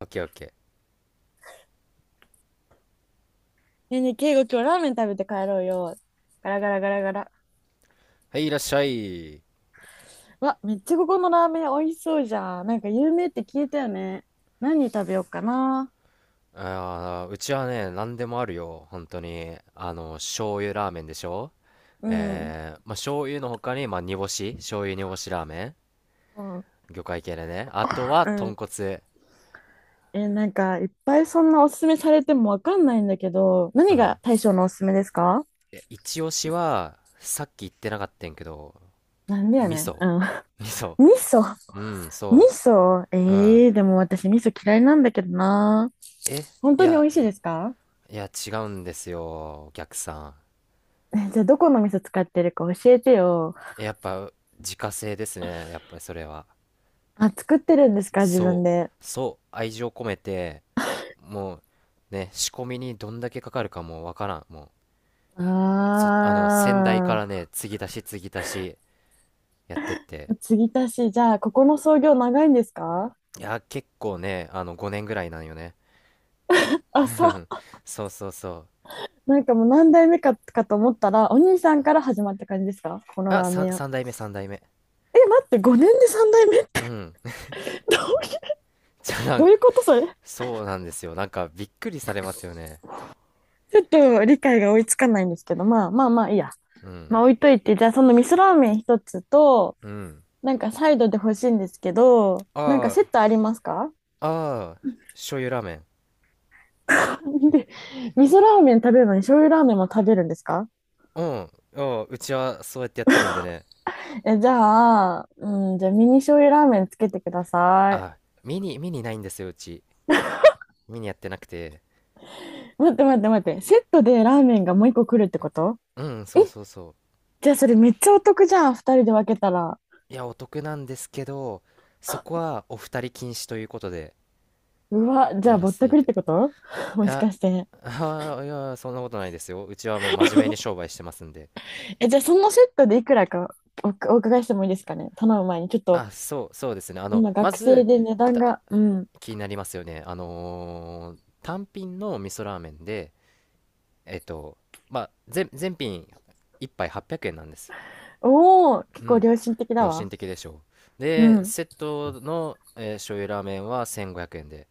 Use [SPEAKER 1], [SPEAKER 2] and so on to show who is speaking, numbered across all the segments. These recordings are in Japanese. [SPEAKER 1] オッケーオッケー。
[SPEAKER 2] ねえねえ、敬語今日ラーメン食べて帰ろうよ。ガラガラガラガラ。
[SPEAKER 1] はい、いらっしゃい。
[SPEAKER 2] わ、めっちゃここのラーメン美味しそうじゃん。なんか有名って聞いたよね。何食べようかな。
[SPEAKER 1] うちはね、何でもあるよ。本当に。醤油ラーメンでしょ？
[SPEAKER 2] うん。
[SPEAKER 1] まあ、醤油の他に、まあ、煮干し、醤油煮干しラーメン。
[SPEAKER 2] うん。
[SPEAKER 1] 魚介系でね。あとは、
[SPEAKER 2] う
[SPEAKER 1] 豚
[SPEAKER 2] ん。
[SPEAKER 1] 骨。
[SPEAKER 2] え、なんかいっぱいそんなおすすめされてもわかんないんだけど、
[SPEAKER 1] う
[SPEAKER 2] 何
[SPEAKER 1] ん。
[SPEAKER 2] が大将のおすすめですか？
[SPEAKER 1] いや、一押しは、さっき言ってなかったんやけど、
[SPEAKER 2] なんでや
[SPEAKER 1] 味
[SPEAKER 2] ねん。
[SPEAKER 1] 噌。
[SPEAKER 2] うん。
[SPEAKER 1] 味噌。
[SPEAKER 2] 味噌。
[SPEAKER 1] うん、
[SPEAKER 2] 味
[SPEAKER 1] そ
[SPEAKER 2] 噌。
[SPEAKER 1] う。うん。
[SPEAKER 2] でも私味噌嫌いなんだけどな。
[SPEAKER 1] え、
[SPEAKER 2] 本
[SPEAKER 1] い
[SPEAKER 2] 当に美
[SPEAKER 1] や、
[SPEAKER 2] 味しいですか？
[SPEAKER 1] いや、違うんですよ、お客さ
[SPEAKER 2] え、じゃあどこの味噌使ってるか教えてよ。
[SPEAKER 1] ん。やっぱ、自家製ですね。やっぱりそれは。
[SPEAKER 2] あ、作ってるんです
[SPEAKER 1] そ
[SPEAKER 2] か？自分
[SPEAKER 1] そう
[SPEAKER 2] で。
[SPEAKER 1] そう、愛情込めて、もうね、仕込みにどんだけかかるかもうわからん。も
[SPEAKER 2] あ
[SPEAKER 1] うそあの先代からね、継ぎ足し継ぎ足しやってって、
[SPEAKER 2] あ、継ぎ足し、じゃあ、ここの創業長いんですか？
[SPEAKER 1] いや、結構ね、5年ぐらいなんよね。
[SPEAKER 2] あ、そ う、
[SPEAKER 1] そうそうそう。
[SPEAKER 2] なんかもう何代目かと思ったら、お兄さんから始まった感じですか？この
[SPEAKER 1] あ
[SPEAKER 2] ラーメ
[SPEAKER 1] さん
[SPEAKER 2] ン
[SPEAKER 1] 三
[SPEAKER 2] 屋。
[SPEAKER 1] 3代目、3代目。
[SPEAKER 2] え、待って、5年で3代目
[SPEAKER 1] うん。
[SPEAKER 2] どういう、
[SPEAKER 1] じゃあな
[SPEAKER 2] ど
[SPEAKER 1] ん
[SPEAKER 2] ういうことそれ？
[SPEAKER 1] そうなんですよ、なんかびっくりされますよね。
[SPEAKER 2] ちょっと理解が追いつかないんですけど、まあまあまあいいや。
[SPEAKER 1] うん、
[SPEAKER 2] まあ置いといて、じゃあその味噌ラーメン一つと、
[SPEAKER 1] うん。
[SPEAKER 2] なんかサイドで欲しいんですけど、なんかセ
[SPEAKER 1] あ
[SPEAKER 2] ットありますか？
[SPEAKER 1] あああ醤油ラーメン。
[SPEAKER 2] で、味噌ラーメン食べるのに醤油ラーメンも食べるんですか？
[SPEAKER 1] うん。ああ、うちはそうやってやってるんでね。
[SPEAKER 2] え、じゃあ、うん、じゃあミニ醤油ラーメンつけてくださ
[SPEAKER 1] あ、
[SPEAKER 2] い。
[SPEAKER 1] ミニないんですよ、うち。ミニやってなくて。
[SPEAKER 2] 待って待って待って、セットでラーメンがもう一個来るってこと？
[SPEAKER 1] うん、
[SPEAKER 2] え、
[SPEAKER 1] そうそうそう。
[SPEAKER 2] じゃあそれめっちゃお得じゃん、二人で分けたら。
[SPEAKER 1] いや、お得なんですけど、そこはお二人禁止ということで、
[SPEAKER 2] うわ、じゃ
[SPEAKER 1] や
[SPEAKER 2] あ
[SPEAKER 1] ら
[SPEAKER 2] ぼっ
[SPEAKER 1] せ
[SPEAKER 2] た
[SPEAKER 1] てい
[SPEAKER 2] くりっ
[SPEAKER 1] た。い
[SPEAKER 2] てこと もし
[SPEAKER 1] や、
[SPEAKER 2] かして。
[SPEAKER 1] ああ、いや、そんなことないですよ。うちはもう真面目に商売してますんで。
[SPEAKER 2] え、じゃあそのセットでいくらか、お伺いしてもいいですかね、頼む前に。ちょっと、
[SPEAKER 1] そう、そうですね。
[SPEAKER 2] 今
[SPEAKER 1] ま
[SPEAKER 2] 学生
[SPEAKER 1] ず、
[SPEAKER 2] で値段
[SPEAKER 1] た
[SPEAKER 2] が、うん。
[SPEAKER 1] 気になりますよね。単品の味噌ラーメンで、えっと、まあ、全品一杯800円なんです。
[SPEAKER 2] おお、
[SPEAKER 1] う
[SPEAKER 2] 結構
[SPEAKER 1] ん。
[SPEAKER 2] 良心的だ
[SPEAKER 1] 良心
[SPEAKER 2] わ。
[SPEAKER 1] 的でしょう。
[SPEAKER 2] う
[SPEAKER 1] で、
[SPEAKER 2] ん。
[SPEAKER 1] セットの、醤油ラーメンは1500円で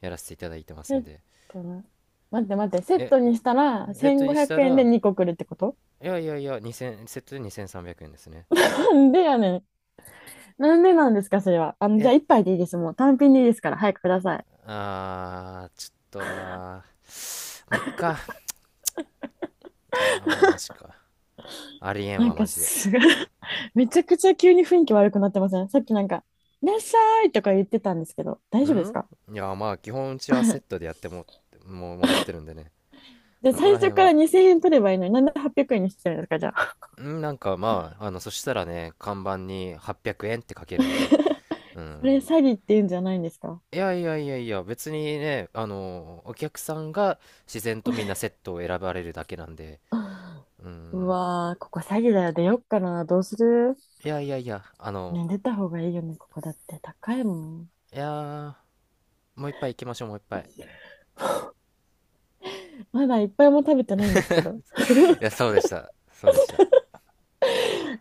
[SPEAKER 1] やらせていただいてます
[SPEAKER 2] セ
[SPEAKER 1] ん
[SPEAKER 2] ッ
[SPEAKER 1] で。
[SPEAKER 2] トな。待って待って、セッ
[SPEAKER 1] え、
[SPEAKER 2] トにしたら
[SPEAKER 1] セットに
[SPEAKER 2] 1500
[SPEAKER 1] した
[SPEAKER 2] 円で
[SPEAKER 1] ら、
[SPEAKER 2] 2個来るってこと？
[SPEAKER 1] いやいやいや、2000、セットで2300円ですね。
[SPEAKER 2] なんでやねん。なんでなんですか、それは。じゃ
[SPEAKER 1] え、
[SPEAKER 2] あ一杯でいいです。もう単品でいいですから、早くください。
[SPEAKER 1] あー、ちょっとなー。まあ、いっか。もうマジか。ありえん
[SPEAKER 2] なん
[SPEAKER 1] わ、マ
[SPEAKER 2] か
[SPEAKER 1] ジで。
[SPEAKER 2] すごい めちゃくちゃ急に雰囲気悪くなってません？さっきなんか、いらっしゃいとか言ってたんですけど、大丈夫で
[SPEAKER 1] ん
[SPEAKER 2] すか？
[SPEAKER 1] いや、まあ、基本うちはセッ トでやっても、もうもらってるんでね。
[SPEAKER 2] で、
[SPEAKER 1] ここ
[SPEAKER 2] 最
[SPEAKER 1] ら
[SPEAKER 2] 初
[SPEAKER 1] 辺
[SPEAKER 2] から
[SPEAKER 1] は。
[SPEAKER 2] 2000円取ればいいのに、なんで800円にしてるんですか、じゃあ。
[SPEAKER 1] なんかまあ、そしたらね、看板に800円って書けるんで、う
[SPEAKER 2] それ
[SPEAKER 1] ん、
[SPEAKER 2] 詐欺って言うんじゃないんですか？
[SPEAKER 1] いやいやいやいや、別にね、お客さんが自然とみんなセットを選ばれるだけなんで、う
[SPEAKER 2] う
[SPEAKER 1] ん。
[SPEAKER 2] わー、ここ詐欺だよ。出よっかな。どうする？
[SPEAKER 1] いやいやいや、
[SPEAKER 2] ね、出た方がいいよね、ここだって。高いもん。
[SPEAKER 1] いやー、もう一杯行きましょう、もう一杯。
[SPEAKER 2] まだいっぱいも食べてないんですけど。
[SPEAKER 1] いや、そうでした。そうでした。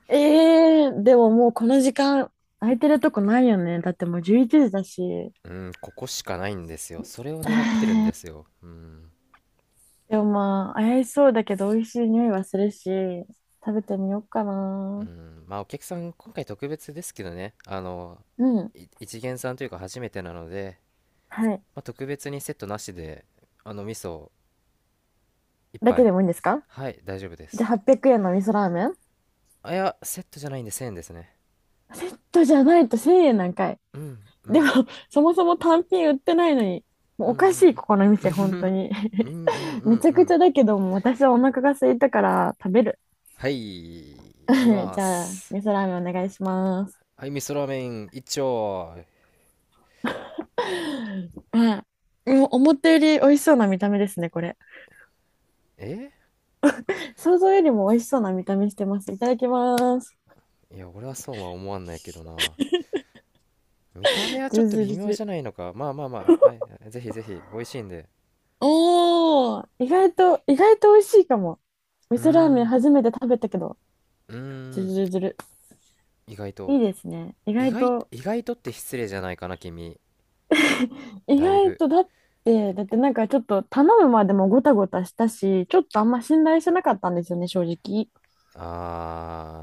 [SPEAKER 2] ええー、でももうこの時間空いてるとこないよね。だってもう11時だし。
[SPEAKER 1] うん、ここしかないんですよ。それを狙ってるんですよ。うん。
[SPEAKER 2] でもまあ、怪しそうだけど美味しい匂いはするし、食べてみようか
[SPEAKER 1] う
[SPEAKER 2] な。
[SPEAKER 1] ん、まあ、お客さん、今回特別ですけどね、
[SPEAKER 2] うん。
[SPEAKER 1] 一元さんというか初めてなので、
[SPEAKER 2] はい。
[SPEAKER 1] まあ、特別にセットなしで、味噌一
[SPEAKER 2] だけ
[SPEAKER 1] 杯。
[SPEAKER 2] でもいいんですか？
[SPEAKER 1] はい、大丈夫で
[SPEAKER 2] じゃ
[SPEAKER 1] す。
[SPEAKER 2] あ800円の味噌ラーメン？
[SPEAKER 1] いや、セットじゃないんで1000円ですね。
[SPEAKER 2] セットじゃないと1000円なんかい。
[SPEAKER 1] うん、う
[SPEAKER 2] でも、
[SPEAKER 1] ん、
[SPEAKER 2] そもそも単品売ってないのに、もう
[SPEAKER 1] うん、
[SPEAKER 2] お
[SPEAKER 1] う
[SPEAKER 2] かしい、
[SPEAKER 1] ん、
[SPEAKER 2] ここの店、本当に。
[SPEAKER 1] うん、うん、うん、う
[SPEAKER 2] め
[SPEAKER 1] ん、
[SPEAKER 2] ちゃ
[SPEAKER 1] う
[SPEAKER 2] くち
[SPEAKER 1] ん。
[SPEAKER 2] ゃだけども、私はお腹が空いたから食べる。
[SPEAKER 1] はい、いき ま
[SPEAKER 2] じゃあ、
[SPEAKER 1] す。
[SPEAKER 2] 味噌ラーメンお願いします。
[SPEAKER 1] はい、味噌ラーメン一丁。
[SPEAKER 2] うん。うん、思ったより美味しそうな見た目ですね、これ。
[SPEAKER 1] え
[SPEAKER 2] 想像よりも美味しそうな見た目してます。いただきます。
[SPEAKER 1] いや、俺はそうは思わんないけどな。見た目は
[SPEAKER 2] ズ
[SPEAKER 1] ちょっ
[SPEAKER 2] ル
[SPEAKER 1] と
[SPEAKER 2] ズ
[SPEAKER 1] 微
[SPEAKER 2] ルズ
[SPEAKER 1] 妙じ
[SPEAKER 2] ル。
[SPEAKER 1] ゃないのか。まあまあまあ、はい。ぜひぜひ、美味しいんで。
[SPEAKER 2] おー、意外と、意外と美味しいかも。味
[SPEAKER 1] うー
[SPEAKER 2] 噌ラーメン
[SPEAKER 1] ん
[SPEAKER 2] 初めて食べたけど、
[SPEAKER 1] うー
[SPEAKER 2] ズル
[SPEAKER 1] ん
[SPEAKER 2] ズルズル。
[SPEAKER 1] 意外
[SPEAKER 2] い
[SPEAKER 1] と。
[SPEAKER 2] いですね。意
[SPEAKER 1] 意
[SPEAKER 2] 外
[SPEAKER 1] 外
[SPEAKER 2] と、
[SPEAKER 1] 意外とって失礼じゃないかな、君。
[SPEAKER 2] 意
[SPEAKER 1] だい
[SPEAKER 2] 外
[SPEAKER 1] ぶ。
[SPEAKER 2] とだってなんかちょっと頼むまでもごたごたしたし、ちょっとあんま信頼してなかったんですよね、正直。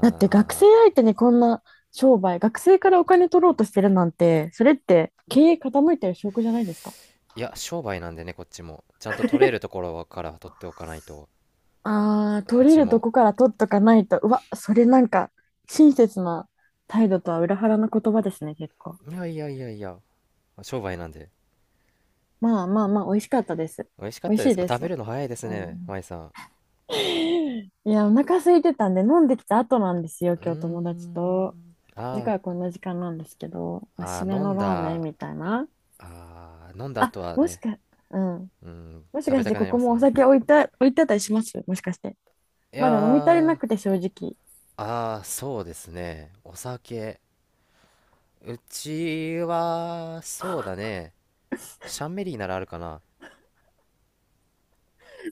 [SPEAKER 2] だって学生相手にこんな商売、学生からお金取ろうとしてるなんて、それって経営傾いてる証拠じゃないですか。
[SPEAKER 1] いや、商売なんでね、こっちもちゃんと取れると ころから取っておかないと。
[SPEAKER 2] ああ、
[SPEAKER 1] う
[SPEAKER 2] 取れ
[SPEAKER 1] ち
[SPEAKER 2] ると
[SPEAKER 1] も。
[SPEAKER 2] こから取っとかないと、うわ、それなんか親切な態度とは裏腹な言葉ですね、結構。
[SPEAKER 1] いやいやいやいや、商売なんで。
[SPEAKER 2] まあまあまあ、美味しかったです。
[SPEAKER 1] 美味しかっ
[SPEAKER 2] 美味
[SPEAKER 1] た
[SPEAKER 2] し
[SPEAKER 1] で
[SPEAKER 2] い
[SPEAKER 1] すか？
[SPEAKER 2] で
[SPEAKER 1] 食
[SPEAKER 2] す。
[SPEAKER 1] べるの早いです
[SPEAKER 2] う
[SPEAKER 1] ね、
[SPEAKER 2] ん。
[SPEAKER 1] 舞さん。
[SPEAKER 2] いや、お腹空いてたんで、飲んできた後なんですよ、
[SPEAKER 1] うー
[SPEAKER 2] 今日友達と。
[SPEAKER 1] ん。
[SPEAKER 2] だからこんな時間なんですけど、ま
[SPEAKER 1] ー
[SPEAKER 2] あ、
[SPEAKER 1] あ
[SPEAKER 2] 締
[SPEAKER 1] ー、
[SPEAKER 2] め
[SPEAKER 1] 飲
[SPEAKER 2] の
[SPEAKER 1] ん
[SPEAKER 2] ラーメン
[SPEAKER 1] だ、
[SPEAKER 2] みたいな。
[SPEAKER 1] 飲んだ
[SPEAKER 2] あ、
[SPEAKER 1] 後は
[SPEAKER 2] もし
[SPEAKER 1] ね、
[SPEAKER 2] か、うん。
[SPEAKER 1] うん、
[SPEAKER 2] もし
[SPEAKER 1] 食
[SPEAKER 2] か
[SPEAKER 1] べ
[SPEAKER 2] し
[SPEAKER 1] たく
[SPEAKER 2] て
[SPEAKER 1] な
[SPEAKER 2] こ
[SPEAKER 1] り
[SPEAKER 2] こ
[SPEAKER 1] ます
[SPEAKER 2] もお
[SPEAKER 1] ね。
[SPEAKER 2] 酒置いてあったりします？もしかして。
[SPEAKER 1] いや
[SPEAKER 2] まだ飲み足りな
[SPEAKER 1] ー、
[SPEAKER 2] くて正直。
[SPEAKER 1] そうですね。お酒。うちは、そうだね。シャンメリーならあるかな。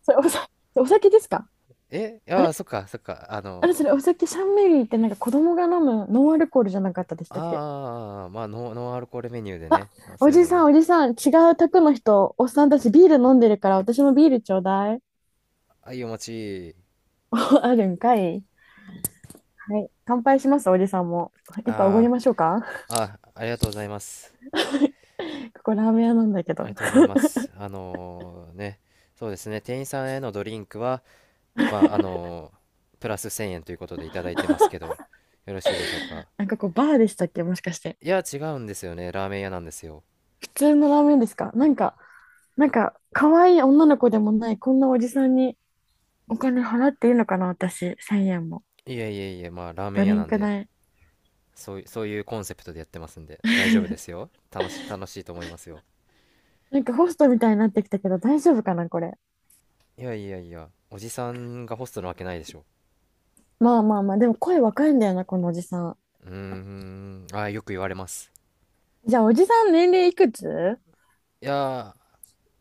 [SPEAKER 2] それ、お酒ですか？
[SPEAKER 1] い
[SPEAKER 2] あ
[SPEAKER 1] やー、
[SPEAKER 2] れ？
[SPEAKER 1] そっか、そっか。
[SPEAKER 2] あれ？それお酒？シャンメリーってなんか子供が飲むノンアルコールじゃなかったでしたっけ？
[SPEAKER 1] まあ、ノンアルコールメニューで
[SPEAKER 2] あ、
[SPEAKER 1] ね。そ
[SPEAKER 2] お
[SPEAKER 1] ういう
[SPEAKER 2] じ
[SPEAKER 1] の
[SPEAKER 2] さん
[SPEAKER 1] も。
[SPEAKER 2] おじさん、違う宅の人、おっさんたちビール飲んでるから私もビールちょうだい。
[SPEAKER 1] いいお持ち。
[SPEAKER 2] あるんかい。はい。乾杯します、おじさんも。一杯おごり
[SPEAKER 1] あ
[SPEAKER 2] ましょうか？
[SPEAKER 1] ー、ありがとうございます。
[SPEAKER 2] ここラーメン屋なんだけ
[SPEAKER 1] あ
[SPEAKER 2] ど。
[SPEAKER 1] りがとうございます。そうですね、店員さんへのドリンクは、まあ、プラス1000円ということでいただいてますけど、よろしいでしょうか。
[SPEAKER 2] なんかこうバーでしたっけ？もしかして。
[SPEAKER 1] いや、違うんですよね、ラーメン屋なんですよ。
[SPEAKER 2] 普通のラーメンですか？なんか、なんか、可愛い女の子でもない、こんなおじさんにお金払っていいのかな、私、1円も。
[SPEAKER 1] いえいえいえ、まあ、ラーメン
[SPEAKER 2] ド
[SPEAKER 1] 屋
[SPEAKER 2] リ
[SPEAKER 1] な
[SPEAKER 2] ン
[SPEAKER 1] ん
[SPEAKER 2] ク
[SPEAKER 1] で、
[SPEAKER 2] 代。
[SPEAKER 1] そういうコンセプトでやってますんで、大丈夫です よ。楽しいと思いますよ。
[SPEAKER 2] なんかホストみたいになってきたけど、大丈夫かな、これ。
[SPEAKER 1] いやいやいや、おじさんがホストなわけないでしょ。
[SPEAKER 2] まあまあまあ、でも声若いんだよな、このおじさん。
[SPEAKER 1] うーん、よく言われます。
[SPEAKER 2] じゃあ、おじさん年齢いくつ？
[SPEAKER 1] いやー、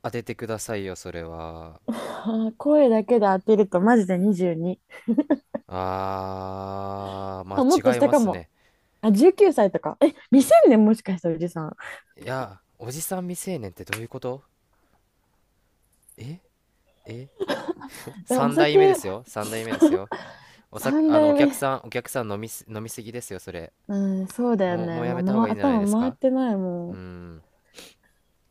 [SPEAKER 1] 当ててくださいよ、それは。
[SPEAKER 2] 声だけで当てると、マジで22。
[SPEAKER 1] ま
[SPEAKER 2] あ、もっと
[SPEAKER 1] あ、違い
[SPEAKER 2] 下
[SPEAKER 1] ま
[SPEAKER 2] か
[SPEAKER 1] す
[SPEAKER 2] も。
[SPEAKER 1] ね。
[SPEAKER 2] あ、19歳とか。え、未成年？もしかしておじさん。
[SPEAKER 1] いや、おじさん未成年ってどういうこと？ええ？
[SPEAKER 2] でもお
[SPEAKER 1] 3 代目で
[SPEAKER 2] 酒
[SPEAKER 1] すよ。3代目ですよ。
[SPEAKER 2] 3
[SPEAKER 1] お
[SPEAKER 2] 代目
[SPEAKER 1] 客さん、お客さん、飲みすぎですよ、それ。
[SPEAKER 2] うん、そうだよ
[SPEAKER 1] もう、も
[SPEAKER 2] ね。
[SPEAKER 1] うや
[SPEAKER 2] もう、
[SPEAKER 1] めた方がいいんじゃない
[SPEAKER 2] 頭
[SPEAKER 1] です
[SPEAKER 2] 回っ
[SPEAKER 1] か？
[SPEAKER 2] てない
[SPEAKER 1] う
[SPEAKER 2] も
[SPEAKER 1] ー
[SPEAKER 2] ん。
[SPEAKER 1] ん。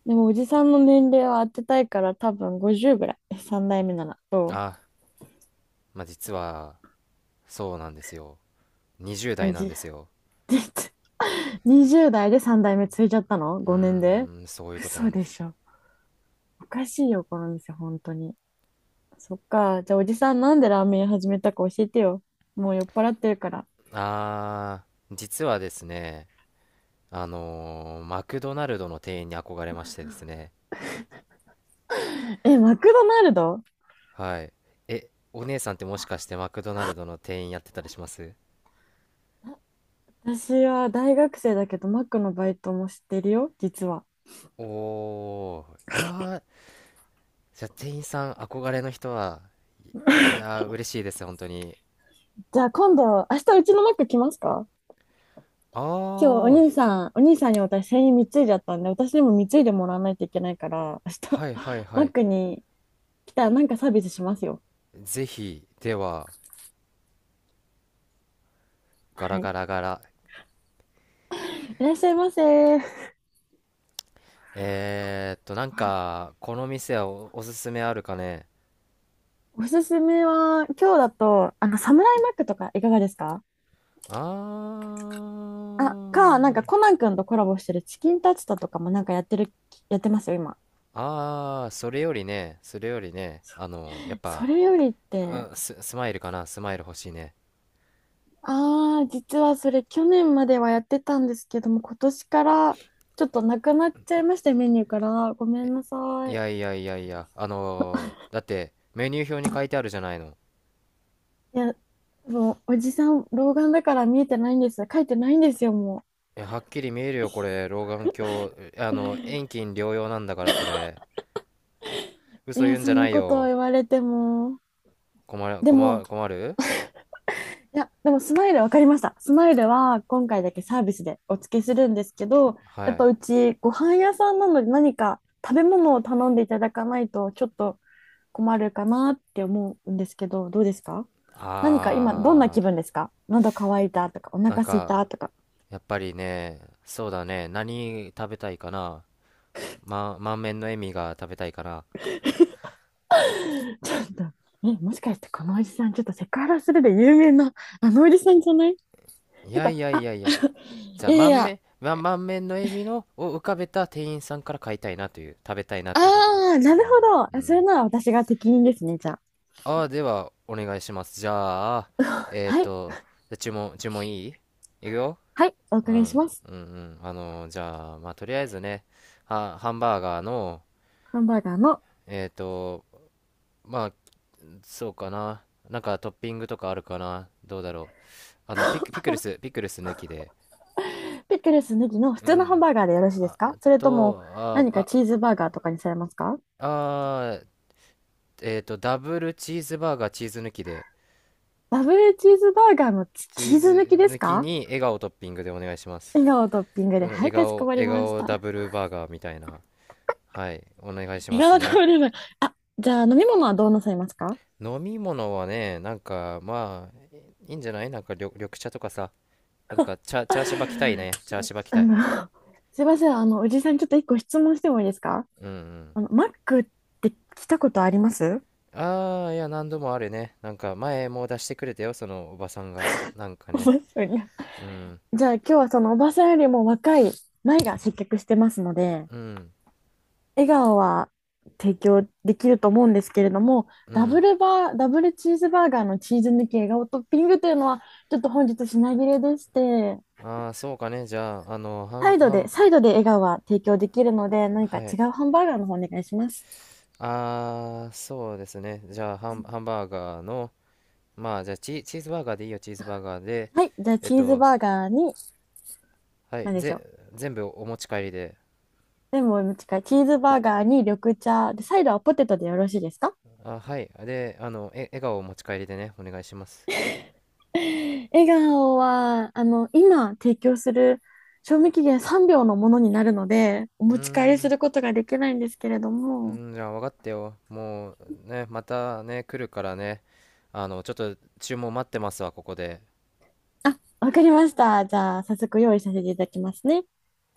[SPEAKER 2] でもおじさんの年齢を当てたいから多分50ぐらい。3代目なら。そ
[SPEAKER 1] あ、まあ、実は、そうなんですよ。20
[SPEAKER 2] う、
[SPEAKER 1] 代なんですよ。
[SPEAKER 2] 20代で3代目ついちゃったの？
[SPEAKER 1] う
[SPEAKER 2] 5 年で？
[SPEAKER 1] ーん、そういうことな
[SPEAKER 2] 嘘
[SPEAKER 1] んで
[SPEAKER 2] で
[SPEAKER 1] す。
[SPEAKER 2] しょ。おかしいよ、この店、本当に。そっか。じゃあおじさんなんでラーメン屋始めたか教えてよ。もう酔っ払ってるから。
[SPEAKER 1] あ実はですね、マクドナルドの店員に憧れましてですね。
[SPEAKER 2] え、マクドナルド？
[SPEAKER 1] はい。お姉さんってもしかしてマクドナルドの店員やってたりします？
[SPEAKER 2] 私は大学生だけどマックのバイトもしてるよ、実は。
[SPEAKER 1] おいやー、じゃあ店員さん憧れの人は。いやー、嬉しいです、本当に。
[SPEAKER 2] じゃあ今度、明日うちのマック来ますか？
[SPEAKER 1] あ
[SPEAKER 2] 今日お
[SPEAKER 1] ー、
[SPEAKER 2] 兄さん、お兄さんに私、繊維貢いじゃったんで、私にも貢いでもらわないといけないから、明日、
[SPEAKER 1] はいはい
[SPEAKER 2] マ
[SPEAKER 1] は
[SPEAKER 2] ッ
[SPEAKER 1] い。
[SPEAKER 2] クに来たらなんかサービスしますよ。
[SPEAKER 1] ぜひ、では、ガラ
[SPEAKER 2] はい。
[SPEAKER 1] ガラガラ。
[SPEAKER 2] いらっしゃいませ。
[SPEAKER 1] なんか、この店はおすすめあるかね？
[SPEAKER 2] おすすめは、今日だと、サムライマックとかいかがですか？
[SPEAKER 1] あ
[SPEAKER 2] あ、か、なんか
[SPEAKER 1] ー、
[SPEAKER 2] コナン君とコラボしてるチキンタツタとかもなんかやってますよ、今。
[SPEAKER 1] それよりね、やっ
[SPEAKER 2] そ
[SPEAKER 1] ぱ、
[SPEAKER 2] れよりっ
[SPEAKER 1] う
[SPEAKER 2] て、
[SPEAKER 1] ん、スマイルかな、スマイル欲しいね。
[SPEAKER 2] ああ、実はそれ去年まではやってたんですけども、今年からちょっとなくなっちゃいまして、メニューから。ごめんなさ
[SPEAKER 1] い
[SPEAKER 2] い。
[SPEAKER 1] やいやいやいや、だって、メニュー表に書いてあるじゃないの。
[SPEAKER 2] いや、もう、おじさん、老眼だから見えてないんです？書いてないんですよ、も
[SPEAKER 1] いや、はっきり見えるよ、これ。老眼鏡。遠近両用なんだから、これ。
[SPEAKER 2] う。い
[SPEAKER 1] 嘘言
[SPEAKER 2] や、
[SPEAKER 1] うん
[SPEAKER 2] そ
[SPEAKER 1] じゃ
[SPEAKER 2] ん
[SPEAKER 1] な
[SPEAKER 2] な
[SPEAKER 1] い
[SPEAKER 2] ことを
[SPEAKER 1] よ。
[SPEAKER 2] 言われても。
[SPEAKER 1] 困る、
[SPEAKER 2] で
[SPEAKER 1] 困
[SPEAKER 2] も、
[SPEAKER 1] る、困る。
[SPEAKER 2] いや、でも、スマイル分かりました。スマイルは、今回だけサービスでお付けするんですけど、や
[SPEAKER 1] は
[SPEAKER 2] っぱ
[SPEAKER 1] い。
[SPEAKER 2] うち、ご飯屋さんなので、何か食べ物を頼んでいただかないと、ちょっと困るかなって思うんですけど、どうですか？何か今、どんな
[SPEAKER 1] あ
[SPEAKER 2] 気分ですか？喉乾いたとか、お
[SPEAKER 1] なん
[SPEAKER 2] 腹空いた
[SPEAKER 1] か、
[SPEAKER 2] とか。
[SPEAKER 1] やっぱりね、そうだね。何食べたいかな。満面の笑みが食べたいかな。
[SPEAKER 2] ちょっと、え、もしかしてこのおじさん、ちょっとセクハラするで有名な、あのおじさんじゃない？ち
[SPEAKER 1] い
[SPEAKER 2] ょっ
[SPEAKER 1] や
[SPEAKER 2] と、
[SPEAKER 1] いやいやいや。じゃ
[SPEAKER 2] い
[SPEAKER 1] あ、
[SPEAKER 2] やいや、
[SPEAKER 1] 満面の笑みの、を浮かべた店員さんから買いたいなという、食べたいなということです。
[SPEAKER 2] あー、な
[SPEAKER 1] う
[SPEAKER 2] る
[SPEAKER 1] ん、
[SPEAKER 2] ほ
[SPEAKER 1] う
[SPEAKER 2] ど。それ
[SPEAKER 1] ん。
[SPEAKER 2] なら私が適任ですね、じゃあ。
[SPEAKER 1] ああ、では、お願いします。じゃあ、えっ
[SPEAKER 2] はい、
[SPEAKER 1] と、じゃあ注文いい？いくよ。
[SPEAKER 2] はい、お
[SPEAKER 1] う
[SPEAKER 2] 伺いしま
[SPEAKER 1] ん、
[SPEAKER 2] す。
[SPEAKER 1] うん、うん。じゃあ、まあ、とりあえずね、ハンバーガーの、
[SPEAKER 2] ハンバーガーの、
[SPEAKER 1] えっと、まあ、そうかな。なんかトッピングとかあるかな？どうだろう。ピクルス抜きで。
[SPEAKER 2] ピクルスネギの普
[SPEAKER 1] うん、
[SPEAKER 2] 通
[SPEAKER 1] う
[SPEAKER 2] の
[SPEAKER 1] ん。
[SPEAKER 2] ハンバーガーでよろしいで
[SPEAKER 1] あ
[SPEAKER 2] すか？それとも、
[SPEAKER 1] と、
[SPEAKER 2] 何かチーズバーガーとかにされますか？
[SPEAKER 1] あー、ダブルチーズバーガー、チーズ抜きで。
[SPEAKER 2] ダブルチーズバーガーのチ、
[SPEAKER 1] チ
[SPEAKER 2] チ
[SPEAKER 1] ー
[SPEAKER 2] ーズ抜き
[SPEAKER 1] ズ
[SPEAKER 2] です
[SPEAKER 1] 抜き
[SPEAKER 2] か？
[SPEAKER 1] に笑顔トッピングでお願いします。
[SPEAKER 2] 笑顔トッピングで、
[SPEAKER 1] うん、
[SPEAKER 2] は
[SPEAKER 1] 笑
[SPEAKER 2] い、かしこ
[SPEAKER 1] 顔、
[SPEAKER 2] まり
[SPEAKER 1] 笑
[SPEAKER 2] まし
[SPEAKER 1] 顔ダ
[SPEAKER 2] た。
[SPEAKER 1] ブルバーガーみたいな。はい、お願いし
[SPEAKER 2] 笑
[SPEAKER 1] ます
[SPEAKER 2] 顔ト
[SPEAKER 1] ね。
[SPEAKER 2] ッピング、あ、じゃあ飲み物はどうなさいますか？あ、
[SPEAKER 1] 飲み物はね、なんか、まあ、いいんじゃない？なんか緑茶とかさ、なんか、チャーシューバ来たいね。チャーシューバ来
[SPEAKER 2] あ
[SPEAKER 1] たい。
[SPEAKER 2] の、すいません。おじさん、ちょっと一個質問してもいいですか？
[SPEAKER 1] うん、うん。
[SPEAKER 2] マックって来たことあります？
[SPEAKER 1] ああ、いや、何度もあるね。なんか、前も出してくれたよ、そのおばさんが。なんか
[SPEAKER 2] おば
[SPEAKER 1] ね。
[SPEAKER 2] さんに。
[SPEAKER 1] うん、
[SPEAKER 2] じゃあ、今日はそのおばさんよりも若い前が接客してますので、
[SPEAKER 1] うん、
[SPEAKER 2] 笑顔は提供できると思うんですけれども、
[SPEAKER 1] うん。
[SPEAKER 2] ダブルチーズバーガーのチーズ抜き笑顔トッピングというのは、ちょっと本日品切れでして、
[SPEAKER 1] ああ、そうかね。じゃあ、ハ
[SPEAKER 2] サ
[SPEAKER 1] ン、
[SPEAKER 2] イド
[SPEAKER 1] ハ
[SPEAKER 2] で、
[SPEAKER 1] ン、
[SPEAKER 2] サイドで笑顔は提供できるので、何か
[SPEAKER 1] は
[SPEAKER 2] 違
[SPEAKER 1] い。
[SPEAKER 2] うハンバーガーの方お願いします。
[SPEAKER 1] ああ、そうですね。じゃあ、ハンバーガーの、まあじゃあチーズバーガーでいいよ、チーズバーガーで。
[SPEAKER 2] はい。じゃあ、
[SPEAKER 1] えっ
[SPEAKER 2] チーズ
[SPEAKER 1] と、
[SPEAKER 2] バーガーに、
[SPEAKER 1] はい、
[SPEAKER 2] 何でしょう？
[SPEAKER 1] 全部お持ち帰りで。
[SPEAKER 2] レモンの近い。チーズバーガーに緑茶。で、サイドはポテトでよろしいですか？
[SPEAKER 1] はい。で、笑顔をお持ち帰りでね、お願いします。
[SPEAKER 2] 笑顔は、今提供する賞味期限3秒のものになるので、お
[SPEAKER 1] うー
[SPEAKER 2] 持ち帰りす
[SPEAKER 1] ん、
[SPEAKER 2] ることができないんですけれども。
[SPEAKER 1] じゃあ分かったよ。もうね、またね、来るからね、ちょっと注文待ってますわ、ここで。
[SPEAKER 2] あ、わかりました。じゃあ、早速用意させていただきますね。